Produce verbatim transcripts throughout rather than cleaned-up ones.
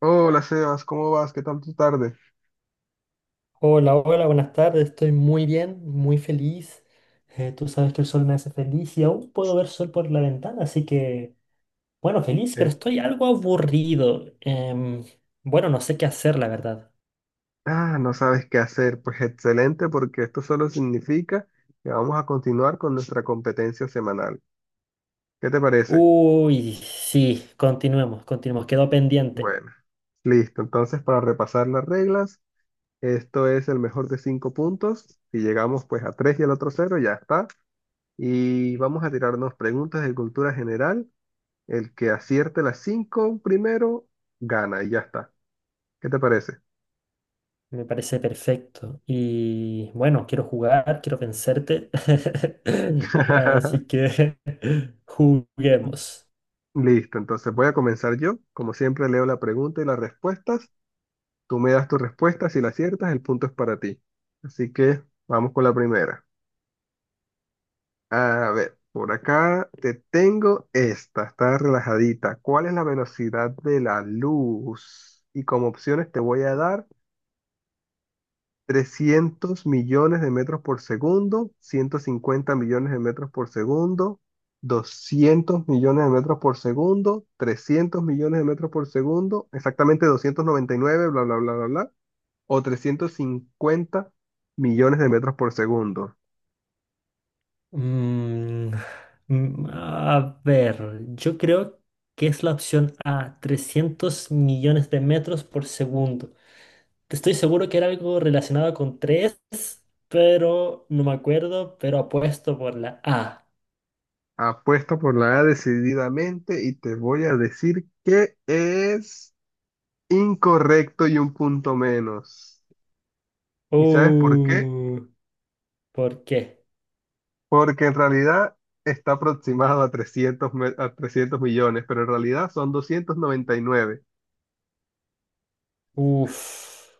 Hola Sebas, ¿cómo vas? ¿Qué tal tu tarde? Hola, hola, buenas tardes. Estoy muy bien, muy feliz. Eh, tú sabes que el sol me hace feliz y aún puedo ver sol por la ventana, así que, bueno, feliz, pero Eh, estoy algo aburrido. Em, bueno, no sé qué hacer, la verdad. Ah, ¿no sabes qué hacer? Pues excelente, porque esto solo significa que vamos a continuar con nuestra competencia semanal. ¿Qué te parece? Uy, sí, continuemos, continuemos. Quedó pendiente. Bueno, listo. Entonces, para repasar las reglas, esto es el mejor de cinco puntos. Si llegamos pues a tres y el otro cero, ya está. Y vamos a tirarnos preguntas de cultura general. El que acierte las cinco primero, gana y ya está. ¿Qué te parece? Me parece perfecto. Y bueno, quiero jugar, quiero vencerte. Así que juguemos. Listo, entonces voy a comenzar yo. Como siempre, leo la pregunta y las respuestas. Tú me das tus respuestas, si la aciertas, el punto es para ti. Así que vamos con la primera. A ver, por acá te tengo esta, está relajadita. ¿Cuál es la velocidad de la luz? Y como opciones te voy a dar trescientos millones de metros por segundo, ciento cincuenta millones de metros por segundo, doscientos millones de metros por segundo, trescientos millones de metros por segundo, exactamente doscientos noventa y nueve, bla, bla, bla, bla, bla, o trescientos cincuenta millones de metros por segundo. Mm, mm, a ver, yo creo que es la opción A, trescientos millones de metros por segundo. Estoy seguro que era algo relacionado con tres, pero no me acuerdo, pero apuesto por la A. Apuesto por la A decididamente y te voy a decir que es incorrecto y un punto menos. ¿Y sabes por qué? Uh, ¿por qué? Porque en realidad está aproximado a trescientos me- a trescientos millones, pero en realidad son doscientos doscientos noventa noventa y nueve. Uf,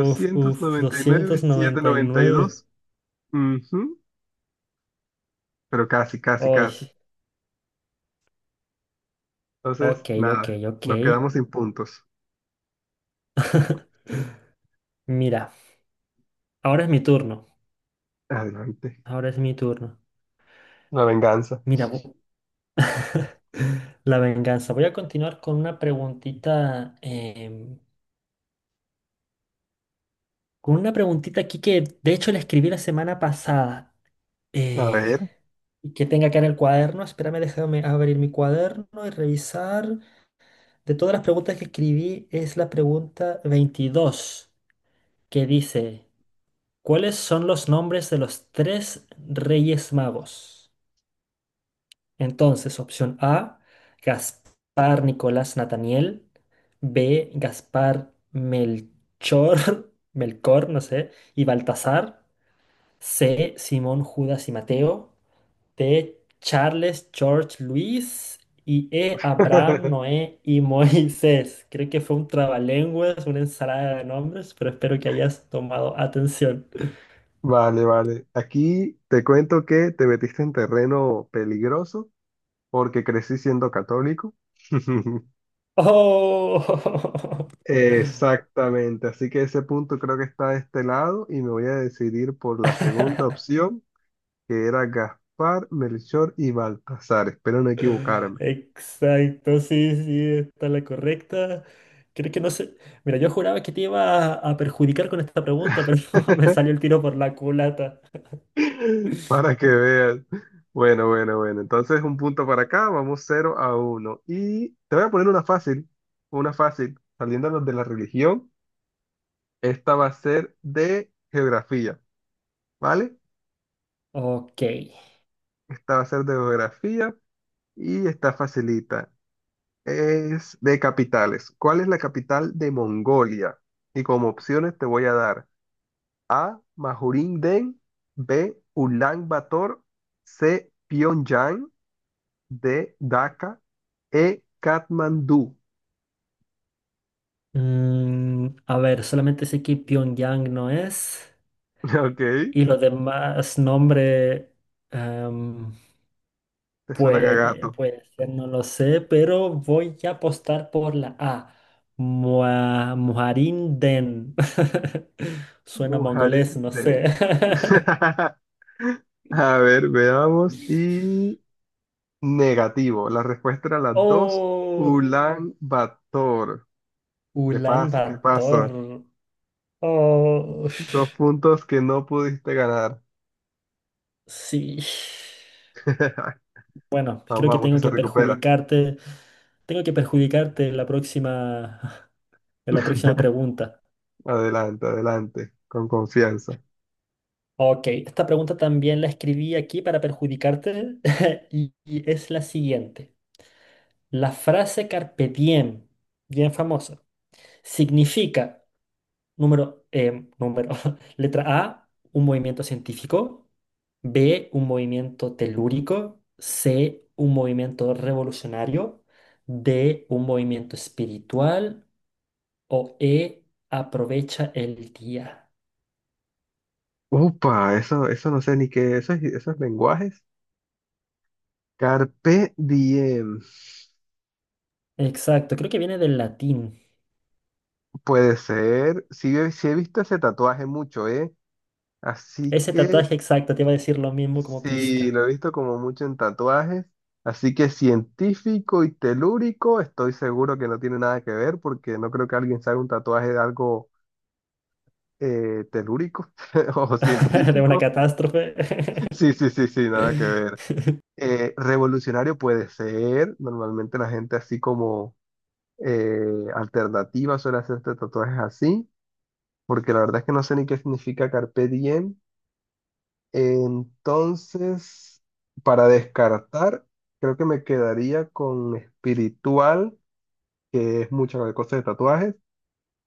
uf, uf, noventa y nueve nueve doscientos noventa y doscientos noventa y nueve. nueve. doscientos noventa y nueve, setecientos noventa y dos. Ujú. Pero casi, casi, Ay, casi. Entonces, ok, ok, nada, ok. nos quedamos sin puntos. Mira, ahora es mi turno. Adelante. Ahora es mi turno. La venganza. Mira, vo- La venganza. Voy a continuar con una preguntita, em, con una preguntita aquí que de hecho la escribí la semana pasada A eh, ver. y que tenga acá en el cuaderno. Espérame, déjame abrir mi cuaderno y revisar. De todas las preguntas que escribí es la pregunta veintidós que dice, ¿cuáles son los nombres de los tres reyes magos? Entonces, opción A, Gaspar Nicolás Nathaniel. B, Gaspar Melchor, Melchor, no sé, y Baltasar. C, Simón Judas y Mateo. D, Charles George Luis. Y E, Abraham, Noé y Moisés. Creo que fue un trabalenguas, una ensalada de nombres, pero espero que hayas tomado atención. Vale, vale. Aquí te cuento que te metiste en terreno peligroso porque crecí siendo católico. ¡Oh! Exactamente, así que ese punto creo que está de este lado y me voy a decidir por la segunda opción, que era Gaspar, Melchor y Baltasar. Espero no equivocarme. Exacto, sí, sí, está la correcta. Creo que no sé. Mira, yo juraba que te iba a, a perjudicar con esta pregunta, pero me salió el tiro por la culata. Para que veas. Bueno, bueno, bueno. Entonces un punto para acá, vamos cero a uno. Y te voy a poner una fácil, una fácil, saliéndonos de la religión. Esta va a ser de geografía, ¿vale? Ok. Esta va a ser de geografía y está facilita. Es de capitales. ¿Cuál es la capital de Mongolia? Y como opciones te voy a dar majurin, B. Ulan Bator, C. Pyongyang, D. Dhaka, E. Katmandú. Mm, a ver, solamente sé que Pyongyang no es. Ok, Y los demás nombres, em, te suenan a pues, gato. puede ser, no lo sé, pero voy a apostar por la A. Mua- Muharinden. Suena mongolés, no Majurin. sé. A ver, veamos. Y negativo. La respuesta era las dos. Oh, Ulan Bator. ¿Qué Ulan pasa? ¿Qué pasa? Bator. Oh, Dos puntos que no pudiste ganar. sí. Bueno, Vamos, creo que vamos, que tengo se que recupera. perjudicarte. Tengo que perjudicarte en la próxima, en la próxima pregunta. Adelante, adelante, con confianza. Ok, esta pregunta también la escribí aquí para perjudicarte y, y es la siguiente. La frase carpe diem, bien famosa, significa Número, em, número. Letra A, un movimiento científico. B, un movimiento telúrico. C, un movimiento revolucionario. D, un movimiento espiritual. O E, aprovecha el día. Upa, eso, eso no sé ni qué, esos, esos lenguajes. Carpe diem. Exacto, creo que viene del latín. Puede ser. Sí, he- sí he visto ese tatuaje mucho, ¿eh? Así Ese que tatuaje exacto te iba a decir lo mismo como sí, pista lo he visto como mucho en tatuajes. Así que científico y telúrico, estoy seguro que no tiene nada que ver porque no creo que alguien se haga un tatuaje de algo eh, telúrico o de una científico. catástrofe. Sí, sí, sí, sí, nada que ver. Eh, revolucionario puede ser, normalmente la gente así como eh, alternativa suele hacerse tatuajes así, porque la verdad es que no sé ni qué significa carpe diem. Entonces, para descartar, creo que me quedaría con espiritual, que es mucha la cosa de tatuajes,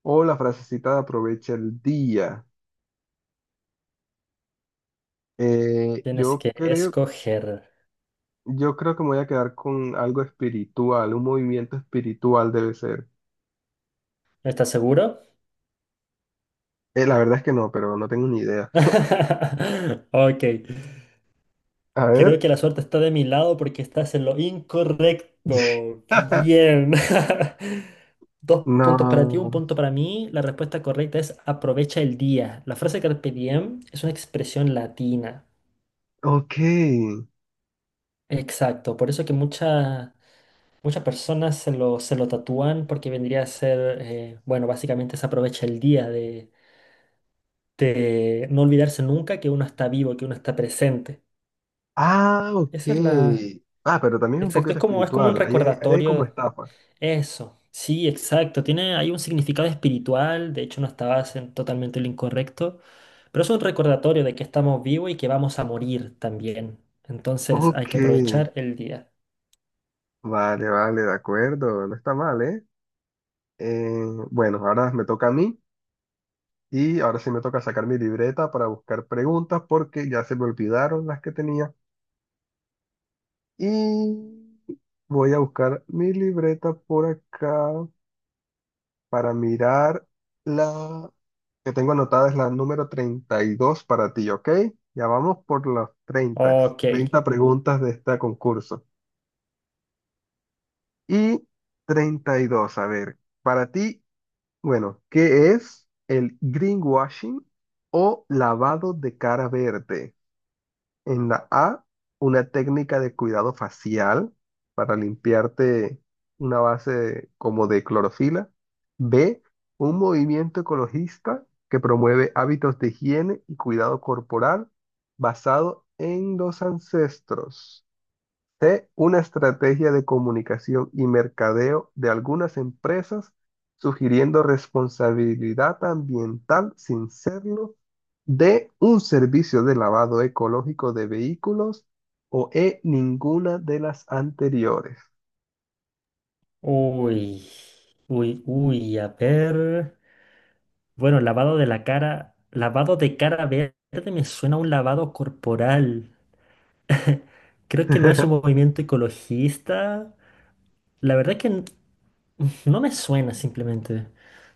o la frasecita de aprovecha el día. Eh, Tienes yo que creo, escoger. Yo creo que me voy a quedar con algo espiritual, un movimiento espiritual debe ser. ¿Estás seguro? Eh, la verdad es que no, pero no tengo ni idea. Ok. A Creo ver. que la suerte está de mi lado porque estás en lo incorrecto. Bien. Dos puntos para ti, un No. punto para mí. La respuesta correcta es aprovecha el día. La frase carpe diem es una expresión latina. Ok. Exacto. Por eso que mucha- muchas personas se lo, se lo tatúan porque vendría a ser, eh, bueno, básicamente es aprovecha el día de, de no olvidarse nunca que uno está vivo, que uno está presente. Ah, ok. Esa es la... Ah, pero también es un Exacto. poquito Es como, es como un espiritual. Ahí hay, ahí hay como recordatorio. estafa. Eso, sí, exacto. Tiene hay un significado espiritual, de hecho no estabas en totalmente lo incorrecto, pero es un recordatorio de que estamos vivos y que vamos a morir también. Entonces hay Ok. que aprovechar el día. Vale, vale, de acuerdo. No está mal, ¿eh? Eh, bueno, ahora me toca a mí. Y ahora sí me toca sacar mi libreta para buscar preguntas porque ya se me olvidaron las que tenía. Y voy a buscar mi libreta por acá para mirar la que tengo anotada, es la número treinta y dos para ti, ¿ok? Ya vamos por las treinta, Ok. treinta preguntas de este concurso. Y treinta y dos, a ver, para ti, bueno, ¿qué es el greenwashing o lavado de cara verde? En la A, una técnica de cuidado facial para limpiarte, una base como de clorofila. B, un movimiento ecologista que promueve hábitos de higiene y cuidado corporal basado en los ancestros. C, una estrategia de comunicación y mercadeo de algunas empresas sugiriendo responsabilidad ambiental sin serlo. D, un servicio de lavado ecológico de vehículos. O E, ninguna de las anteriores. Uy, uy, uy, a ver. Bueno, lavado de la cara, lavado de cara verde me suena a un lavado corporal. Creo que no es un movimiento ecologista. La verdad es que no me suena simplemente.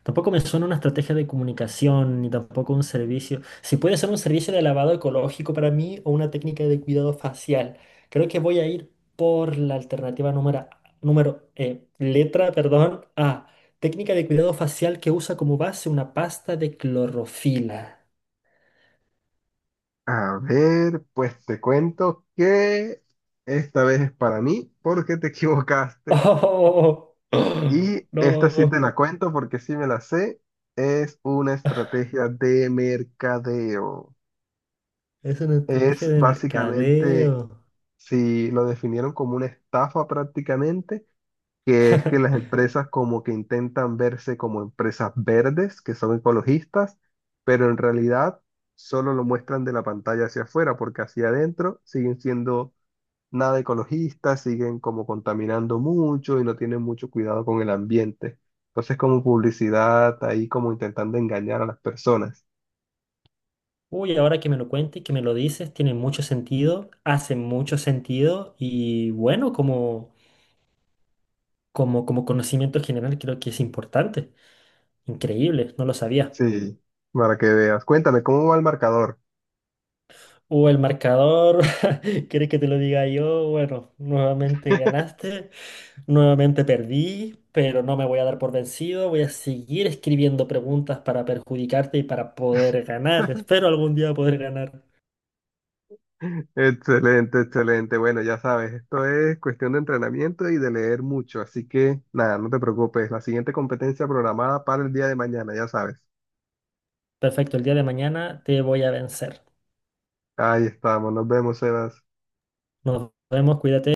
Tampoco me suena una estrategia de comunicación, ni tampoco un servicio. Si puede ser un servicio de lavado ecológico para mí o una técnica de cuidado facial. Creo que voy a ir por la alternativa número, número eh, letra, perdón, A. Técnica de cuidado facial que usa como base una pasta de clorofila. A ver, pues te cuento que esta vez es para mí porque te equivocaste. Oh, Y esta sí no, te la cuento porque sí me la sé. Es una estrategia de mercadeo. es una estrategia Es de básicamente, mercadeo. si lo definieron como una estafa prácticamente, que es que las empresas como que intentan verse como empresas verdes, que son ecologistas, pero en realidad solo lo muestran de la pantalla hacia afuera, porque hacia adentro siguen siendo nada ecologistas, siguen como contaminando mucho y no tienen mucho cuidado con el ambiente. Entonces, como publicidad, ahí como intentando engañar a las personas. Uy, ahora que me lo cuentes, que me lo dices, tiene mucho sentido, hace mucho sentido y bueno, como, como, como, conocimiento general creo que es importante. Increíble, no lo sabía. Sí, para que veas. Cuéntame, ¿cómo va el marcador? O el marcador, ¿quieres que te lo diga yo? Bueno, nuevamente ganaste, nuevamente perdí, pero no me voy a dar por vencido, voy a seguir escribiendo preguntas para perjudicarte y para poder ganar. Espero algún día poder ganar. Excelente, excelente. Bueno, ya sabes, esto es cuestión de entrenamiento y de leer mucho, así que nada, no te preocupes. La siguiente competencia programada para el día de mañana, ya sabes. Perfecto, el día de mañana te voy a vencer. Ahí estamos, nos vemos, Sebas. Nos vemos, cuídate.